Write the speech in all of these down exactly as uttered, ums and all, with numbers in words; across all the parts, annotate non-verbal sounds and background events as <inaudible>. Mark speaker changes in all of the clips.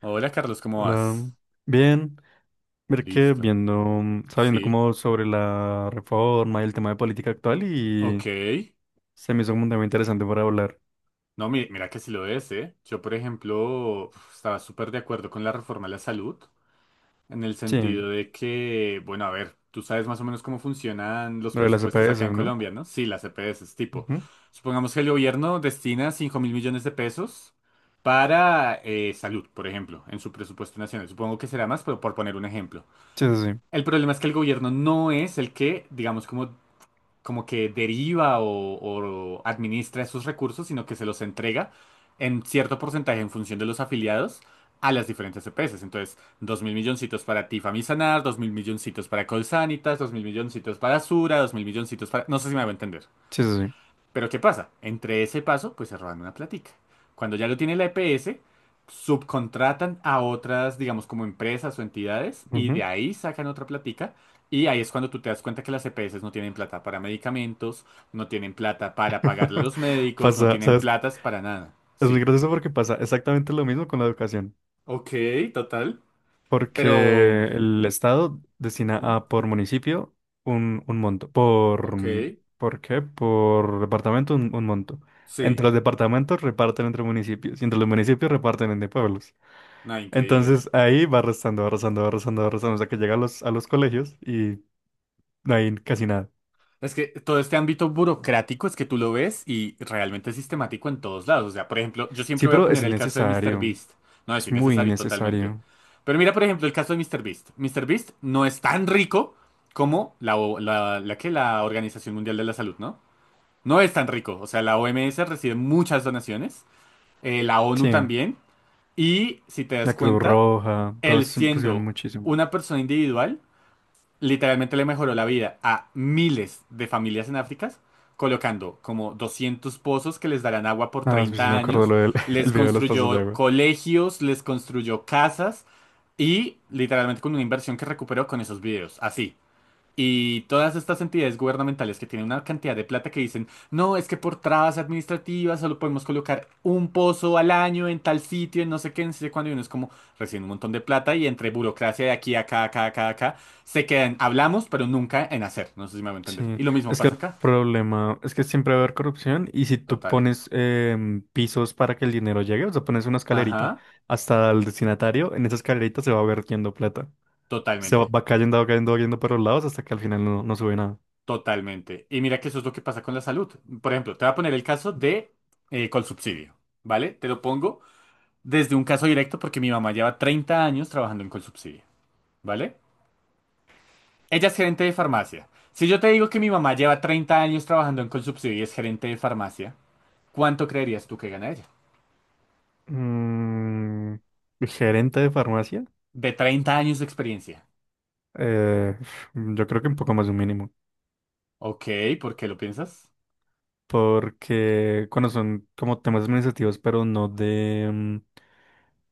Speaker 1: Hola Carlos, ¿cómo
Speaker 2: Hola,
Speaker 1: vas?
Speaker 2: bien. Ver que
Speaker 1: Listo.
Speaker 2: viendo, sabiendo
Speaker 1: Sí,
Speaker 2: como sobre la reforma y el tema de política actual y
Speaker 1: ok.
Speaker 2: se me hizo como un tema interesante para hablar.
Speaker 1: No, mi- mira que sí lo es, ¿eh? Yo, por ejemplo, uf, estaba súper de acuerdo con la reforma a la salud, en el
Speaker 2: Sí,
Speaker 1: sentido de que, bueno, a ver, tú sabes más o menos cómo funcionan los
Speaker 2: lo de las
Speaker 1: presupuestos
Speaker 2: E P S,
Speaker 1: acá en
Speaker 2: ¿no?
Speaker 1: Colombia, ¿no? Sí, las E P S, es tipo,
Speaker 2: Ujú.
Speaker 1: supongamos que el gobierno destina cinco mil millones de pesos para eh, salud, por ejemplo, en su presupuesto nacional. Supongo que será más, pero por poner un ejemplo.
Speaker 2: Sí, sí,
Speaker 1: El problema es que el gobierno no es el que, digamos, como como que deriva o, o administra esos recursos, sino que se los entrega en cierto porcentaje en función de los afiliados a las diferentes E P S. Entonces, dos mil milloncitos para ti, Famisanar, dos mil milloncitos para Colsanitas, dos mil milloncitos para Sura, dos mil milloncitos para. No sé si me va a entender.
Speaker 2: sí, sí, sí. sí.
Speaker 1: Pero ¿qué pasa? Entre ese paso, pues se roban una platica. Cuando ya lo tiene la E P S, subcontratan a otras, digamos, como empresas o entidades, y
Speaker 2: Ujú.
Speaker 1: de ahí sacan otra platica. Y ahí es cuando tú te das cuenta que las E P S no tienen plata para medicamentos, no tienen plata para pagarle a
Speaker 2: <laughs>
Speaker 1: los médicos, no
Speaker 2: Pasa,
Speaker 1: tienen
Speaker 2: ¿sabes qué?
Speaker 1: platas para nada.
Speaker 2: Es muy
Speaker 1: Sí.
Speaker 2: gracioso porque pasa exactamente lo mismo con la educación.
Speaker 1: Ok, total.
Speaker 2: Porque
Speaker 1: Pero.
Speaker 2: el Estado destina
Speaker 1: Ujú,
Speaker 2: a por municipio un, un monto. Por,
Speaker 1: ok,
Speaker 2: mm, ¿por qué? Por departamento un, un monto. Entre
Speaker 1: sí.
Speaker 2: los departamentos reparten entre municipios y entre los municipios reparten entre pueblos.
Speaker 1: Nada, increíble.
Speaker 2: Entonces ahí va restando, va restando, va restando, va restando hasta que llega a los, a los colegios y no hay casi nada.
Speaker 1: Es que todo este ámbito burocrático es que tú lo ves y realmente es sistemático en todos lados. O sea, por ejemplo, yo
Speaker 2: Sí,
Speaker 1: siempre voy a
Speaker 2: pero
Speaker 1: poner
Speaker 2: es
Speaker 1: el caso de míster
Speaker 2: necesario.
Speaker 1: Beast. No es
Speaker 2: Es muy
Speaker 1: innecesario totalmente.
Speaker 2: necesario.
Speaker 1: Pero mira, por ejemplo, el caso de míster Beast. MrBeast. Beast no es tan rico como la, O- la, la que la Organización Mundial de la Salud, ¿no? No es tan rico. O sea, la O M S recibe muchas donaciones, eh, la ONU
Speaker 2: Sí,
Speaker 1: también. Y si te das
Speaker 2: la Cruz
Speaker 1: cuenta,
Speaker 2: Roja, todo
Speaker 1: él
Speaker 2: eso se inclusión
Speaker 1: siendo
Speaker 2: muchísimo.
Speaker 1: una persona individual literalmente le mejoró la vida a miles de familias en África, colocando como doscientos pozos que les darán agua por
Speaker 2: Ah, sí, sí me
Speaker 1: treinta
Speaker 2: acuerdo
Speaker 1: años,
Speaker 2: lo del <laughs>
Speaker 1: les
Speaker 2: el video de los pasos de
Speaker 1: construyó
Speaker 2: agua.
Speaker 1: colegios, les construyó casas y literalmente con una inversión que recuperó con esos videos. Así, y todas estas entidades gubernamentales que tienen una cantidad de plata que dicen, no, es que por trabas administrativas solo podemos colocar un pozo al año en tal sitio, en no sé qué, en no sé cuándo, y uno es como recién un montón de plata y entre burocracia de aquí, acá, acá, acá, acá, se quedan, hablamos, pero nunca en hacer, no sé si me va a entender.
Speaker 2: Sí,
Speaker 1: Y lo mismo
Speaker 2: es que
Speaker 1: pasa
Speaker 2: el
Speaker 1: acá,
Speaker 2: problema es que siempre va a haber corrupción y si tú
Speaker 1: total.
Speaker 2: pones em, pisos para que el dinero llegue, o sea, pones una escalerita
Speaker 1: Ajá,
Speaker 2: hasta el destinatario, en esa escalerita se va vertiendo plata. Se va,
Speaker 1: totalmente,
Speaker 2: va cayendo, va cayendo, va cayendo por los lados hasta que al final no, no sube nada.
Speaker 1: totalmente. Y mira que eso es lo que pasa con la salud. Por ejemplo, te voy a poner el caso de eh, Colsubsidio, ¿vale? Te lo pongo desde un caso directo porque mi mamá lleva treinta años trabajando en Colsubsidio, ¿vale? Ella es gerente de farmacia. Si yo te digo que mi mamá lleva treinta años trabajando en Colsubsidio y es gerente de farmacia, ¿cuánto creerías tú que gana ella?
Speaker 2: Mm, ¿gerente de farmacia?
Speaker 1: De treinta años de experiencia.
Speaker 2: Eh, yo creo que un poco más de un mínimo.
Speaker 1: Ok, ¿por qué lo piensas?
Speaker 2: Porque cuando son como temas administrativos, pero no de, mm,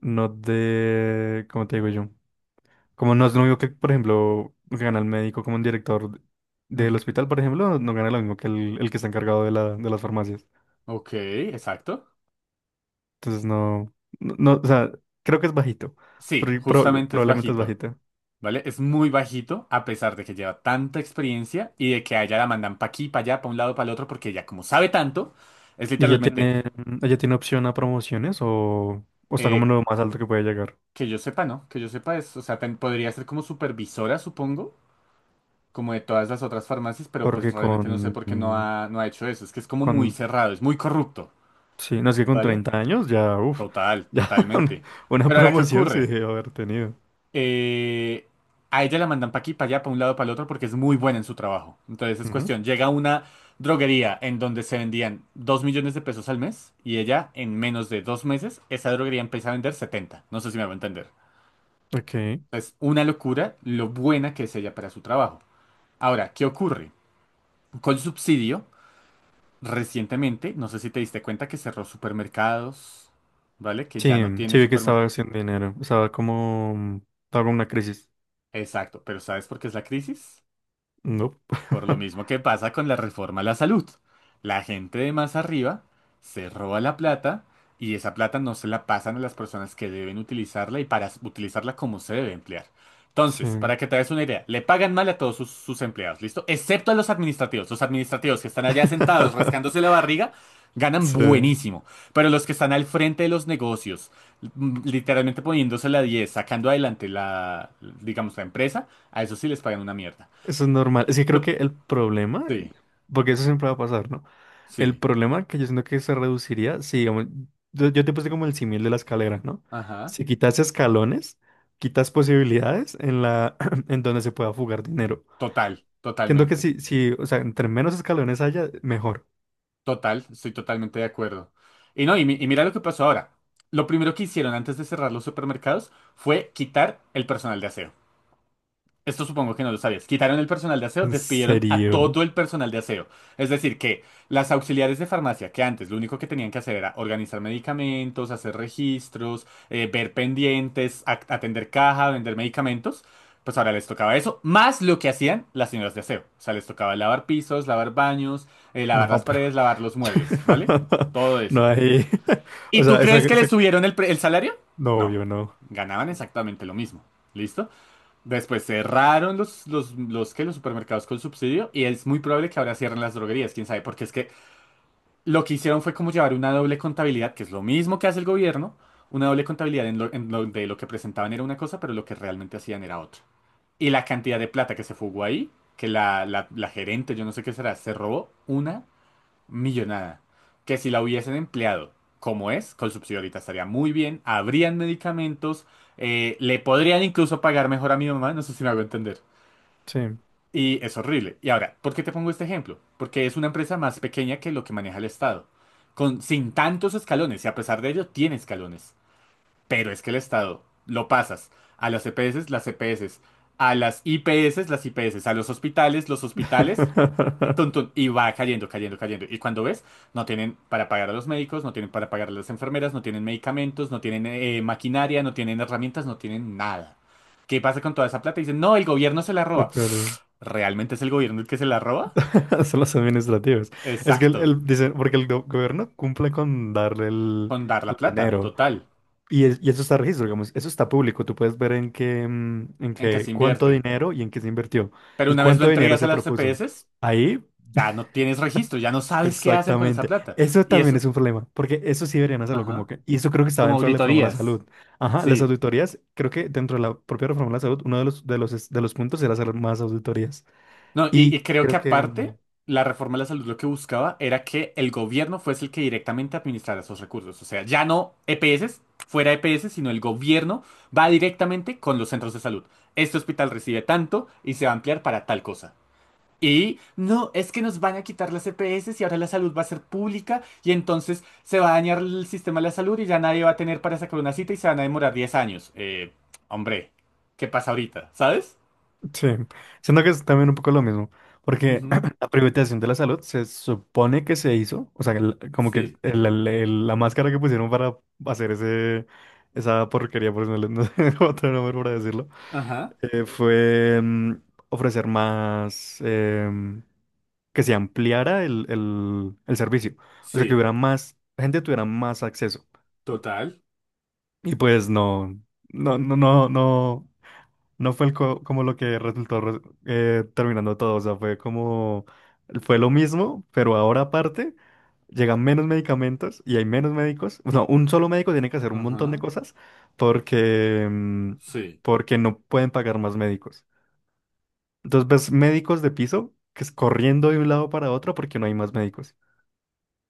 Speaker 2: no de, ¿cómo te digo yo? Como no es lo mismo que, por ejemplo, gana el médico como un director del
Speaker 1: Ujú.
Speaker 2: hospital, por ejemplo, no, no gana lo mismo que el, el que está encargado de la, de las farmacias.
Speaker 1: Ok, exacto.
Speaker 2: Entonces no, no, no, o sea, creo que es bajito.
Speaker 1: Sí,
Speaker 2: Pro- pro-
Speaker 1: justamente es
Speaker 2: probablemente es
Speaker 1: bajito,
Speaker 2: bajita.
Speaker 1: ¿vale? Es muy bajito a pesar de que lleva tanta experiencia y de que a ella la mandan pa' aquí, pa' allá, pa' un lado, pa' el otro, porque ella como sabe tanto, es
Speaker 2: ¿Y ella
Speaker 1: literalmente.
Speaker 2: tiene, mm, ella tiene opción a promociones o, o está como en
Speaker 1: eh,
Speaker 2: lo más alto que puede llegar?
Speaker 1: Que yo sepa, ¿no? Que yo sepa es, o sea, ten- podría ser como supervisora, supongo, como de todas las otras farmacias, pero pues
Speaker 2: Porque con,
Speaker 1: realmente no sé por qué no
Speaker 2: mm,
Speaker 1: ha, no ha hecho eso. Es que es como muy
Speaker 2: con...
Speaker 1: cerrado, es muy corrupto,
Speaker 2: Sí, no es que con
Speaker 1: ¿vale?
Speaker 2: treinta años ya, uff,
Speaker 1: Total,
Speaker 2: ya <laughs> una,
Speaker 1: totalmente.
Speaker 2: una
Speaker 1: Pero ahora, ¿qué
Speaker 2: promoción sí
Speaker 1: ocurre?
Speaker 2: debió haber tenido.
Speaker 1: Eh, a ella la mandan para aquí, para allá, para un lado, para el otro, porque es muy buena en su trabajo. Entonces es
Speaker 2: Ujú,
Speaker 1: cuestión, llega a una droguería en donde se vendían dos millones de pesos al mes y ella en menos de dos meses, esa droguería empieza a vender setenta. No sé si me va a entender.
Speaker 2: ok.
Speaker 1: Es una locura lo buena que es ella para su trabajo. Ahora, ¿qué ocurre? Con subsidio, recientemente, no sé si te diste cuenta que cerró supermercados, ¿vale? Que ya
Speaker 2: Sí,
Speaker 1: no
Speaker 2: sí
Speaker 1: tiene
Speaker 2: vi que estaba
Speaker 1: supermercado.
Speaker 2: haciendo dinero. Estaba como... Estaba con una crisis.
Speaker 1: Exacto, pero ¿sabes por qué es la crisis?
Speaker 2: No.
Speaker 1: Por lo
Speaker 2: <laughs>
Speaker 1: mismo que pasa con la reforma a la salud. La gente de más arriba se roba la plata y esa plata no se la pasan a las personas que deben utilizarla y para s- utilizarla como se debe emplear. Entonces,
Speaker 2: Sí.
Speaker 1: para que te des una idea, le pagan mal a todos sus, sus empleados, ¿listo? Excepto a los administrativos. Los administrativos que están allá sentados rascándose la
Speaker 2: <laughs>
Speaker 1: barriga ganan
Speaker 2: Sí.
Speaker 1: buenísimo. Pero los que están al frente de los negocios, mm, literalmente poniéndose la diez, sacando adelante la, digamos, la empresa, a eso sí les pagan una mierda.
Speaker 2: Eso es normal. Es que creo
Speaker 1: Lo,
Speaker 2: que el problema,
Speaker 1: sí.
Speaker 2: porque eso siempre va a pasar, ¿no? El
Speaker 1: Sí,
Speaker 2: problema que yo siento que se reduciría, si digamos, yo, yo te puse como el símil de la escalera, ¿no?
Speaker 1: ajá.
Speaker 2: Si quitas escalones, quitas posibilidades en la, <clears throat> en donde se pueda fugar dinero.
Speaker 1: Total,
Speaker 2: Siento que
Speaker 1: totalmente.
Speaker 2: si, si, o sea, entre menos escalones haya, mejor.
Speaker 1: Total, estoy totalmente de acuerdo. Y no, y, mi- y mira lo que pasó ahora. Lo primero que hicieron antes de cerrar los supermercados fue quitar el personal de aseo. Esto supongo que no lo sabías. Quitaron el personal de aseo,
Speaker 2: ¿En
Speaker 1: despidieron a
Speaker 2: serio?
Speaker 1: todo el personal de aseo. Es decir, que las auxiliares de farmacia, que antes lo único que tenían que hacer era organizar medicamentos, hacer registros, eh, ver pendientes, ac- atender caja, vender medicamentos, pues ahora les tocaba eso, más lo que hacían las señoras de aseo. O sea, les tocaba lavar pisos, lavar baños, eh, lavar
Speaker 2: No,
Speaker 1: las
Speaker 2: pero...
Speaker 1: paredes, lavar los muebles, ¿vale?
Speaker 2: <laughs>
Speaker 1: Todo
Speaker 2: No
Speaker 1: eso.
Speaker 2: hay. <laughs> O
Speaker 1: ¿Y tú
Speaker 2: sea, esa,
Speaker 1: crees que
Speaker 2: esa-
Speaker 1: les subieron el, pre- el salario?
Speaker 2: No,
Speaker 1: No,
Speaker 2: yo no.
Speaker 1: ganaban exactamente lo mismo. ¿Listo? Después cerraron los, los, los, ¿qué? Los supermercados con subsidio y es muy probable que ahora cierren las droguerías, quién sabe, porque es que lo que hicieron fue como llevar una doble contabilidad, que es lo mismo que hace el gobierno, una doble contabilidad en lo- en lo- de lo que presentaban era una cosa, pero lo que realmente hacían era otra. Y la cantidad de plata que se fugó ahí, que la, la, la gerente, yo no sé qué será, se robó una millonada, que si la hubiesen empleado como es, con subsidio ahorita estaría muy bien, habrían medicamentos, eh, le podrían incluso pagar mejor a mi mamá, no sé si me hago entender.
Speaker 2: Sí.
Speaker 1: Y es horrible. Y ahora, ¿por qué te pongo este ejemplo? Porque es una empresa más pequeña que lo que maneja el Estado, con, sin tantos escalones, y a pesar de ello tiene escalones. Pero es que el Estado lo pasas a las EPS, las EPS, a las IPS, las IPS, a los hospitales, los hospitales, tun,
Speaker 2: <laughs>
Speaker 1: tun, y va cayendo, cayendo, cayendo. Y cuando ves, no tienen para pagar a los médicos, no tienen para pagar a las enfermeras, no tienen medicamentos, no tienen eh, maquinaria, no tienen herramientas, no tienen nada. ¿Qué pasa con toda esa plata? Dicen, no, el gobierno se la
Speaker 2: Te
Speaker 1: roba.
Speaker 2: pierdo.
Speaker 1: ¿Realmente es el gobierno el que se la roba?
Speaker 2: <laughs> Son los administrativos. Es que el,
Speaker 1: Exacto,
Speaker 2: el- dicen, porque el go- gobierno cumple con darle el,
Speaker 1: con dar la
Speaker 2: el
Speaker 1: plata,
Speaker 2: dinero.
Speaker 1: total,
Speaker 2: Y, es- y eso está registro, digamos, eso está público. Tú puedes ver en qué, mm, en
Speaker 1: en qué
Speaker 2: qué,
Speaker 1: se
Speaker 2: cuánto
Speaker 1: invierte.
Speaker 2: dinero y en qué se invirtió.
Speaker 1: Pero
Speaker 2: Y
Speaker 1: una vez lo
Speaker 2: cuánto dinero
Speaker 1: entregas a
Speaker 2: se
Speaker 1: las
Speaker 2: propuso.
Speaker 1: C P S,
Speaker 2: Ahí,
Speaker 1: ya no tienes registro, ya no sabes qué hacen con esa
Speaker 2: exactamente.
Speaker 1: plata.
Speaker 2: Eso
Speaker 1: Y
Speaker 2: también
Speaker 1: eso,
Speaker 2: es un problema, porque eso sí deberían hacerlo como
Speaker 1: ajá,
Speaker 2: que... Y eso creo que estaba
Speaker 1: como
Speaker 2: dentro de la reforma a la
Speaker 1: auditorías.
Speaker 2: salud. Ajá, las
Speaker 1: Sí,
Speaker 2: auditorías, creo que dentro de la propia reforma a la salud, uno de los, de los, de los puntos era hacer más auditorías.
Speaker 1: no, y,
Speaker 2: Y
Speaker 1: y creo que
Speaker 2: creo que...
Speaker 1: aparte, la reforma de la salud lo que buscaba era que el gobierno fuese el que directamente administrara esos recursos. O sea, ya no E P S, fuera E P S, sino el gobierno va directamente con los centros de salud. Este hospital recibe tanto y se va a ampliar para tal cosa. Y no, es que nos van a quitar las E P S y ahora la salud va a ser pública y entonces se va a dañar el sistema de la salud y ya nadie va a tener para sacar una cita y se van a demorar diez años. Eh, hombre, ¿qué pasa ahorita? ¿Sabes?
Speaker 2: Sí, siento que es también un poco lo mismo, porque
Speaker 1: Ujú,
Speaker 2: <clears throat> la privatización de la salud se supone que se hizo, o sea, el- como que
Speaker 1: sí.
Speaker 2: el- el- el- la máscara que pusieron para hacer ese, esa porquería, por si no, le- no sé <laughs> otro nombre para decirlo,
Speaker 1: Ajá.
Speaker 2: eh, fue mm, ofrecer más, em, que se ampliara el, el, el servicio, o sea, que
Speaker 1: Sí,
Speaker 2: hubiera más, la gente tuviera más acceso,
Speaker 1: total.
Speaker 2: y pues no, no, no, no, no. No fue el co- como lo que resultó re- eh, terminando todo, o sea, fue como, fue lo mismo, pero ahora aparte llegan menos medicamentos y hay menos médicos. No, un solo médico tiene que hacer un montón de
Speaker 1: Ajá,
Speaker 2: cosas porque, mm,
Speaker 1: sí.
Speaker 2: porque no pueden pagar más médicos. Entonces ves médicos de piso que es corriendo de un lado para otro porque no hay más médicos.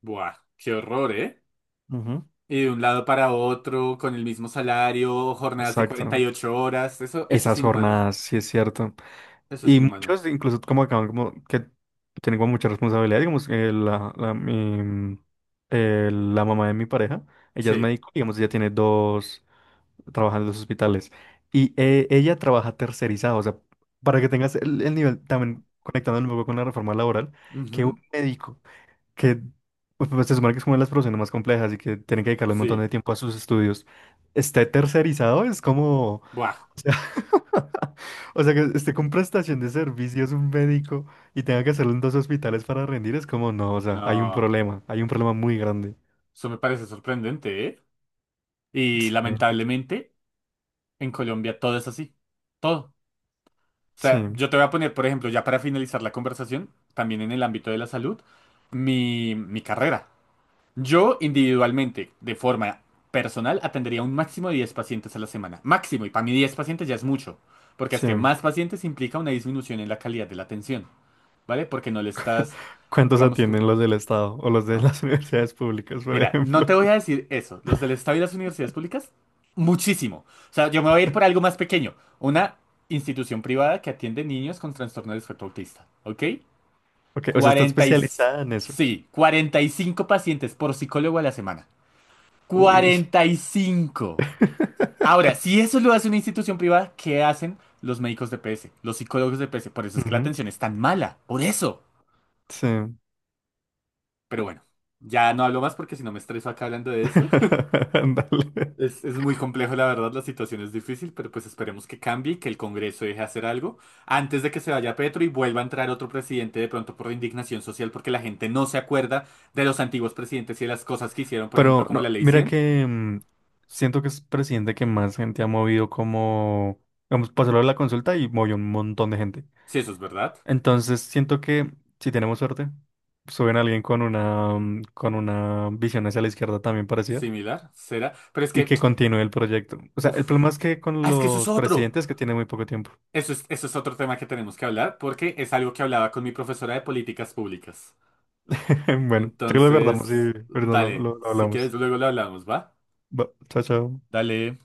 Speaker 1: Buah, qué horror, ¿eh?
Speaker 2: Ujú.
Speaker 1: Y de un lado para otro, con el mismo salario, jornadas de cuarenta
Speaker 2: Exacto.
Speaker 1: y ocho horas. Eso, eso es
Speaker 2: Esas
Speaker 1: inhumano.
Speaker 2: jornadas, sí es cierto.
Speaker 1: Eso es
Speaker 2: Y
Speaker 1: inhumano.
Speaker 2: muchos, incluso como acaban como que tienen como mucha responsabilidad, digamos, eh, la, la, mi- eh, la mamá de mi pareja, ella es
Speaker 1: Sí.
Speaker 2: médico, digamos, ella tiene dos, trabaja en dos hospitales y eh, ella trabaja tercerizado, o sea, para que tengas el, el nivel, también conectando un poco con la reforma laboral, que un
Speaker 1: Ujú,
Speaker 2: médico que pues, pues, se supone que es una de las profesiones más complejas y que tiene que dedicarle un montón de
Speaker 1: sí.
Speaker 2: tiempo a sus estudios, esté tercerizado, es como...
Speaker 1: Buah,
Speaker 2: <laughs> O sea, que esté con prestación de servicios un médico y tenga que hacerlo en dos hospitales para rendir, es como, no, o sea, hay un
Speaker 1: no.
Speaker 2: problema, hay un problema muy grande.
Speaker 1: Eso me parece sorprendente, ¿eh? Y
Speaker 2: Sí,
Speaker 1: lamentablemente, en Colombia todo es así. Todo. O sea,
Speaker 2: sí,
Speaker 1: yo te voy a poner, por ejemplo, ya para finalizar la conversación, también en el ámbito de la salud, mi, mi carrera. Yo individualmente, de forma personal, atendería un máximo de diez pacientes a la semana. Máximo, y para mí diez pacientes ya es mucho, porque es que
Speaker 2: sí.
Speaker 1: más pacientes implica una disminución en la calidad de la atención, ¿vale? Porque no le estás,
Speaker 2: ¿Cuántos
Speaker 1: digamos, como.
Speaker 2: atienden los del Estado o los de
Speaker 1: No.
Speaker 2: las <laughs> universidades públicas, por
Speaker 1: Mira, no te
Speaker 2: ejemplo?
Speaker 1: voy a
Speaker 2: <laughs>
Speaker 1: decir eso. Los del Estado y las universidades públicas, muchísimo. O sea, yo me voy a ir por algo más pequeño. Una institución privada que atiende niños con trastorno de espectro autista, ¿ok?
Speaker 2: Ok, o sea, está
Speaker 1: Cuarenta y...
Speaker 2: especializada en eso.
Speaker 1: Sí, cuarenta y cinco pacientes por psicólogo a la semana.
Speaker 2: Uy.
Speaker 1: Cuarenta y cinco. Ahora,
Speaker 2: <laughs>
Speaker 1: si eso lo hace una institución privada, ¿qué hacen los médicos de P S, los psicólogos de P S? Por eso es que la
Speaker 2: Ujú,
Speaker 1: atención es tan mala, por eso.
Speaker 2: sí.
Speaker 1: Pero bueno, ya no hablo más porque si no me estreso acá hablando de eso.
Speaker 2: <laughs> Ándale.
Speaker 1: Es, es muy complejo, la verdad, la situación es difícil, pero pues esperemos que cambie y que el Congreso deje hacer algo antes de que se vaya Petro y vuelva a entrar otro presidente de pronto por indignación social porque la gente no se acuerda de los antiguos presidentes y de las cosas que hicieron, por
Speaker 2: Pero
Speaker 1: ejemplo, como la
Speaker 2: no,
Speaker 1: Ley
Speaker 2: mira
Speaker 1: cien.
Speaker 2: que mm, siento que es presidente que más gente ha movido como, vamos, pasó lo de la consulta y movió un montón de gente.
Speaker 1: Si eso es verdad,
Speaker 2: Entonces, siento que si tenemos suerte, suben a alguien con una, mm, con una visión hacia la izquierda también parecida
Speaker 1: similar, será. Pero es
Speaker 2: y
Speaker 1: que,
Speaker 2: que continúe el proyecto. O sea, el problema es
Speaker 1: uff.
Speaker 2: que con
Speaker 1: Ah, es que eso es
Speaker 2: los
Speaker 1: otro.
Speaker 2: presidentes que tienen muy poco tiempo.
Speaker 1: Eso es, eso es otro tema que tenemos que hablar porque es algo que hablaba con mi profesora de políticas públicas.
Speaker 2: <laughs> Bueno, creo que lo guardamos y
Speaker 1: Entonces,
Speaker 2: ahorita lo,
Speaker 1: dale,
Speaker 2: lo lo
Speaker 1: si
Speaker 2: hablamos.
Speaker 1: quieres luego lo hablamos, ¿va?
Speaker 2: Va, chao, chao.
Speaker 1: Dale.